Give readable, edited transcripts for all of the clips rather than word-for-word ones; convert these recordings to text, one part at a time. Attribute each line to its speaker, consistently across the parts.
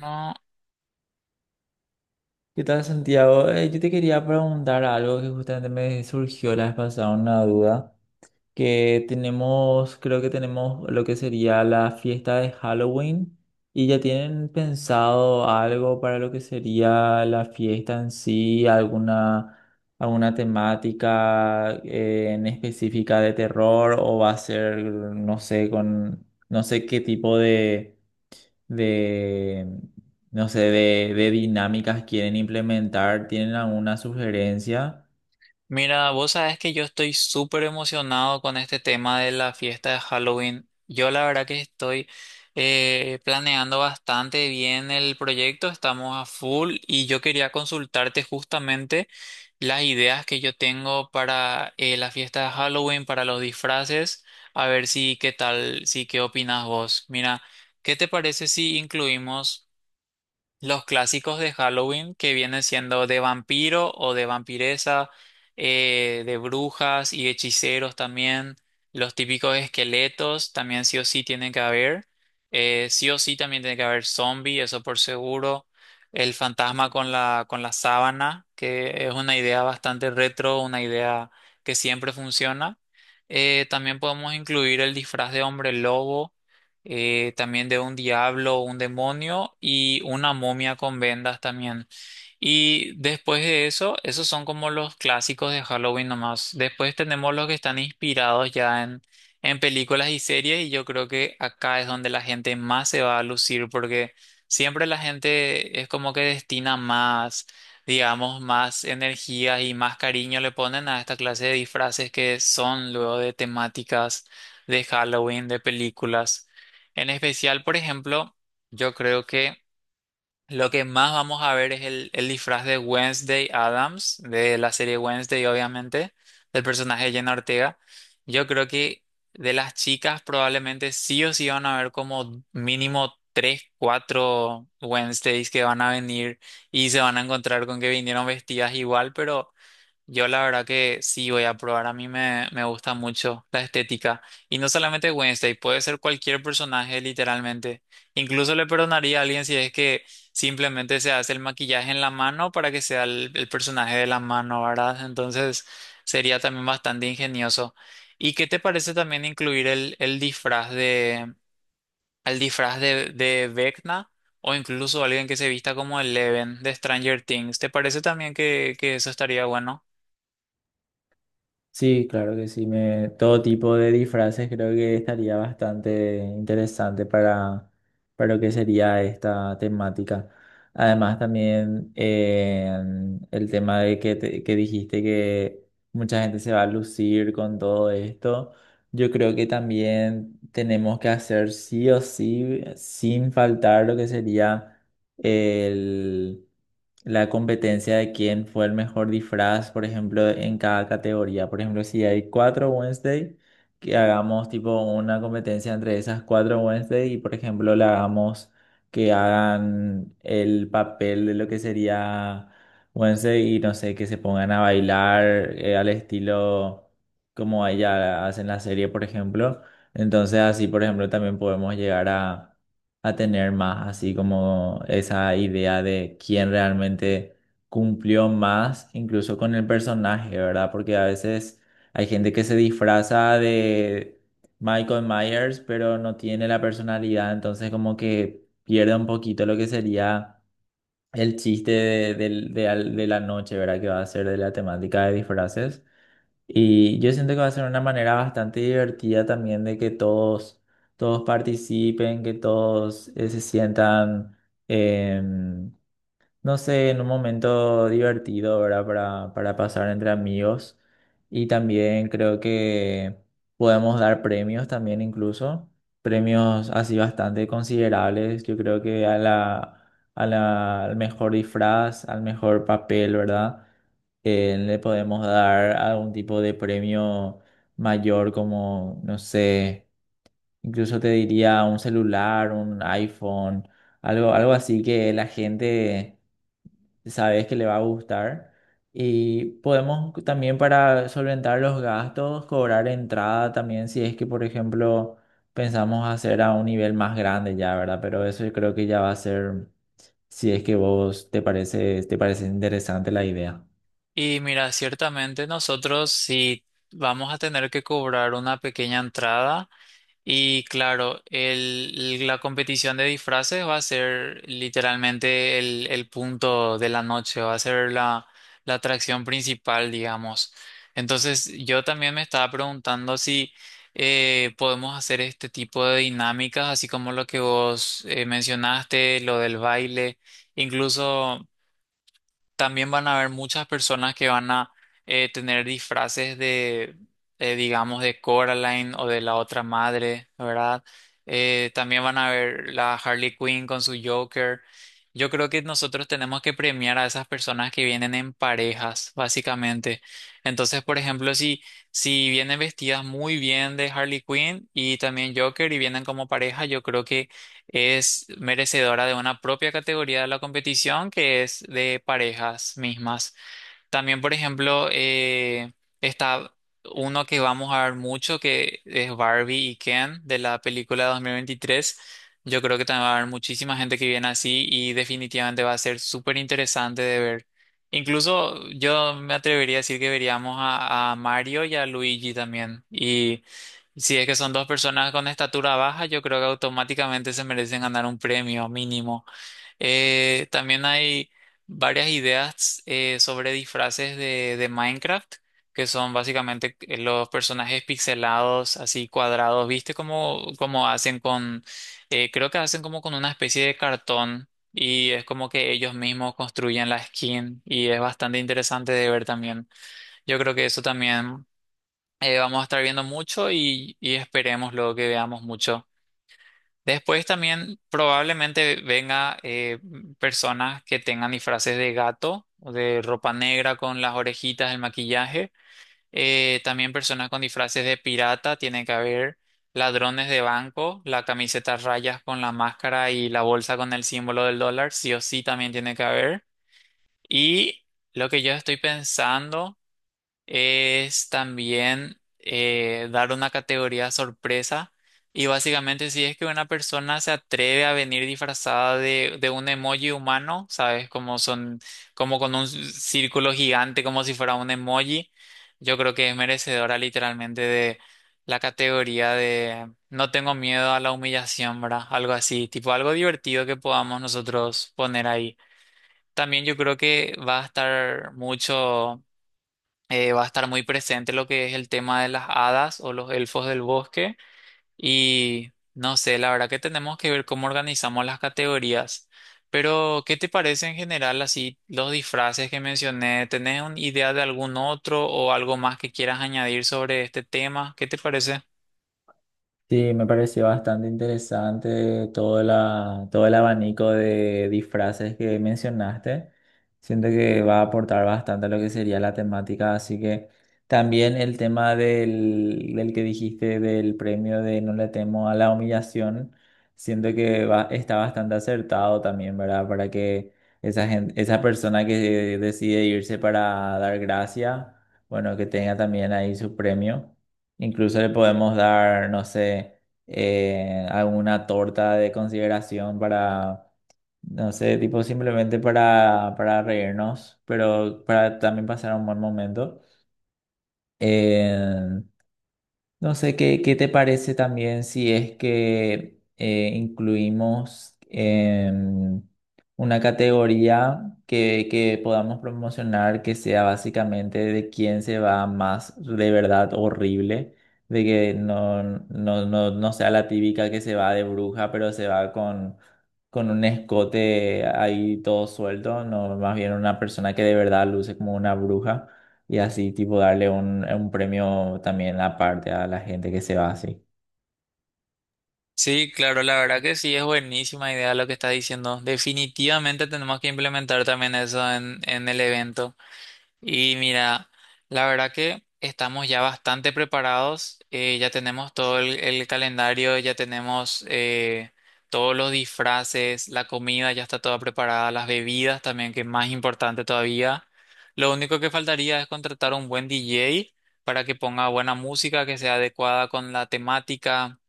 Speaker 1: No,
Speaker 2: ¿Qué tal, Santiago? Yo te quería preguntar algo que justamente me surgió la vez pasada, una duda, que tenemos, creo que tenemos lo que sería la fiesta de Halloween y ya tienen pensado algo para lo que sería la fiesta en sí, alguna temática en específica de terror o va a ser, no sé, con, no sé qué tipo de de, no sé, de dinámicas quieren implementar? ¿Tienen alguna sugerencia?
Speaker 1: mira, vos sabés que yo estoy súper emocionado con este tema de la fiesta de Halloween. Yo la verdad que estoy planeando bastante bien el proyecto, estamos a full y yo quería consultarte justamente las ideas que yo tengo para la fiesta de Halloween, para los disfraces, a ver si qué tal, si qué opinas vos. Mira, ¿qué te parece si incluimos? Los clásicos de Halloween que vienen siendo de vampiro o de vampiresa, de brujas y hechiceros también, los típicos esqueletos también sí o sí tienen que haber, sí o sí también tiene que haber zombie, eso por seguro, el fantasma con la sábana, que es una idea bastante retro, una idea que siempre funciona. También podemos incluir el disfraz de hombre lobo también de un diablo, un demonio y una momia con vendas también. Y después de eso, esos son como los clásicos de Halloween nomás. Después tenemos los que están inspirados ya en películas y series y yo creo que acá es donde la gente más se va a lucir porque siempre la gente es como que destina más, digamos, más energía y más cariño le ponen a esta clase de disfraces que son luego de temáticas de Halloween, de películas. En especial, por ejemplo, yo creo que lo que más vamos a ver es el disfraz de Wednesday Adams, de la serie Wednesday, obviamente, del personaje de Jenna Ortega. Yo creo que de las chicas probablemente sí o sí van a ver como mínimo tres, cuatro Wednesdays que van a venir y se van a encontrar con que vinieron vestidas igual, pero yo la verdad que sí voy a probar, a mí me gusta mucho la estética. Y no solamente Wednesday, puede ser cualquier personaje literalmente. Incluso le perdonaría a alguien si es que simplemente se hace el maquillaje en la mano para que sea el personaje de la mano, ¿verdad? Entonces sería también bastante ingenioso. ¿Y qué te parece también incluir el disfraz de Vecna? O incluso alguien que se vista como Eleven de Stranger Things. ¿Te parece también que eso estaría bueno?
Speaker 2: Sí, claro que sí. Todo tipo de disfraces creo que estaría bastante interesante para lo que sería esta temática. Además, también el tema de que dijiste que mucha gente se va a lucir con todo esto. Yo creo que también tenemos que hacer sí o sí, sin faltar lo que sería el la competencia de quién fue el mejor disfraz, por ejemplo, en cada categoría. Por ejemplo, si hay cuatro Wednesday, que hagamos tipo una competencia entre esas cuatro Wednesday y, por ejemplo, le hagamos que hagan el papel de lo que sería Wednesday y no sé, que se pongan a bailar al estilo como ella hace en la serie, por ejemplo. Entonces, así, por ejemplo, también podemos llegar a tener más así como esa idea de quién realmente cumplió más, incluso con el personaje, ¿verdad? Porque a veces hay gente que se disfraza de Michael Myers, pero no tiene la personalidad, entonces como que pierde un poquito lo que sería el chiste de, del- de al- de la noche, ¿verdad? Que va a ser de la temática de disfraces. Y yo siento que va a ser una manera bastante divertida también de que todos participen, que todos se sientan em, no sé, en un momento divertido, ¿verdad? Para pasar entre amigos. Y también creo que podemos dar premios también incluso, premios así bastante considerables. Yo creo que a la, al mejor disfraz, al mejor papel, ¿verdad? Le podemos dar algún tipo de premio mayor como, no sé, incluso te diría un celular, un iPhone, algo, algo así que la gente sabes que le va a gustar. Y podemos también para solventar los gastos, cobrar entrada también si es que, por ejemplo, pensamos hacer a un nivel más grande ya, ¿verdad? Pero eso yo creo que ya va a ser, si es que vos te parece interesante la idea.
Speaker 1: Y mira, ciertamente nosotros sí vamos a tener que cobrar una pequeña entrada y claro, la competición de disfraces va a ser literalmente el punto de la noche, va a ser la atracción principal, digamos. Entonces yo también me estaba preguntando si podemos hacer este tipo de dinámicas, así como lo que vos mencionaste, lo del baile, incluso. También van a haber muchas personas que van a tener disfraces de, digamos, de Coraline o de la otra madre, ¿verdad? También van a ver la Harley Quinn con su Joker. Yo creo que nosotros tenemos que premiar a esas personas que vienen en parejas, básicamente. Entonces, por ejemplo, si vienen vestidas muy bien de Harley Quinn y también Joker y vienen como pareja, yo creo que es merecedora de una propia categoría de la competición que es de parejas mismas. También, por ejemplo, está uno que vamos a ver mucho, que es Barbie y Ken de la película de 2023. Yo creo que también va a haber muchísima gente que viene así y definitivamente va a ser súper interesante de ver. Incluso yo me atrevería a decir que veríamos a Mario y a Luigi también. Y si es que son dos personas con estatura baja, yo creo que automáticamente se merecen ganar un premio mínimo. También hay varias ideas sobre disfraces de Minecraft, que son básicamente los personajes pixelados, así cuadrados, ¿viste? Como, como hacen con, creo que hacen como con una especie de cartón y es como que ellos mismos construyen la skin y es bastante interesante de ver también. Yo creo que eso también vamos a estar viendo mucho y esperemos luego que veamos mucho. Después también probablemente venga personas que tengan disfraces de gato o de ropa negra con las orejitas, el maquillaje. También personas con disfraces de pirata, tiene que haber ladrones de banco, la camiseta a rayas con la máscara y la bolsa con el símbolo del dólar, sí o sí también tiene que haber. Y lo que yo estoy pensando es también dar una categoría sorpresa y básicamente si es que una persona se atreve a venir disfrazada de un emoji humano, ¿sabes? Como son, como con un círculo gigante, como si fuera un emoji, yo creo que es merecedora literalmente de la categoría de no tengo miedo a la humillación, ¿verdad? Algo así, tipo algo divertido que podamos nosotros poner ahí. También yo creo que va a estar mucho va a estar muy presente lo que es el tema de las hadas o los elfos del bosque y no sé, la verdad que tenemos que ver cómo organizamos las categorías. Pero, ¿qué te parece en general así los disfraces que mencioné? ¿Tenés una idea de algún otro o algo más que quieras añadir sobre este tema? ¿Qué te parece?
Speaker 2: Sí, me pareció bastante interesante todo el abanico de disfraces que mencionaste. Siento que va a aportar bastante a lo que sería la temática, así que también el tema del que dijiste del premio de No le temo a la humillación, siento que está bastante acertado también, ¿verdad? Para que esa persona que decide irse para dar gracia, bueno, que tenga también ahí su premio. Incluso le podemos dar, no sé, alguna torta de consideración para, no sé, tipo simplemente para reírnos, pero para también pasar un buen momento. Eh, no sé qué te parece también si es que incluimos una categoría que podamos promocionar que sea básicamente de quién se va más de verdad horrible, de que no, no, no, no sea la típica que se va de bruja, pero se va con un escote ahí todo suelto, no, más bien una persona que de verdad luce como una bruja. Y así, tipo, darle un premio también aparte a la gente que se va así.
Speaker 1: Sí, claro, la verdad que sí, es buenísima idea lo que estás diciendo. Definitivamente tenemos que implementar también eso en el evento. Y mira, la verdad que estamos ya bastante preparados, ya tenemos todo el calendario, ya tenemos todos los disfraces, la comida ya está toda preparada, las bebidas también, que es más importante todavía. Lo único que faltaría es contratar un buen DJ para que ponga buena música que sea adecuada con la temática.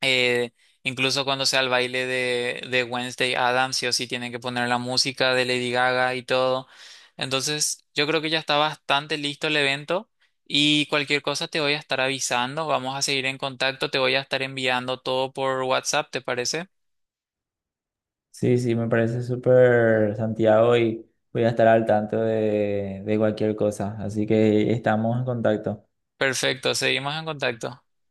Speaker 1: Eh, incluso cuando sea el baile de Wednesday Adams, sí o sí tienen que poner la música de Lady Gaga y todo. Entonces, yo creo que ya está bastante listo el evento y cualquier cosa te voy a estar avisando. Vamos a seguir en contacto, te voy a estar enviando todo por WhatsApp, ¿te parece?
Speaker 2: Sí, sí, me parece súper, Santiago, y voy a estar al tanto de cualquier cosa. Así que estamos en contacto.
Speaker 1: Perfecto, seguimos en contacto.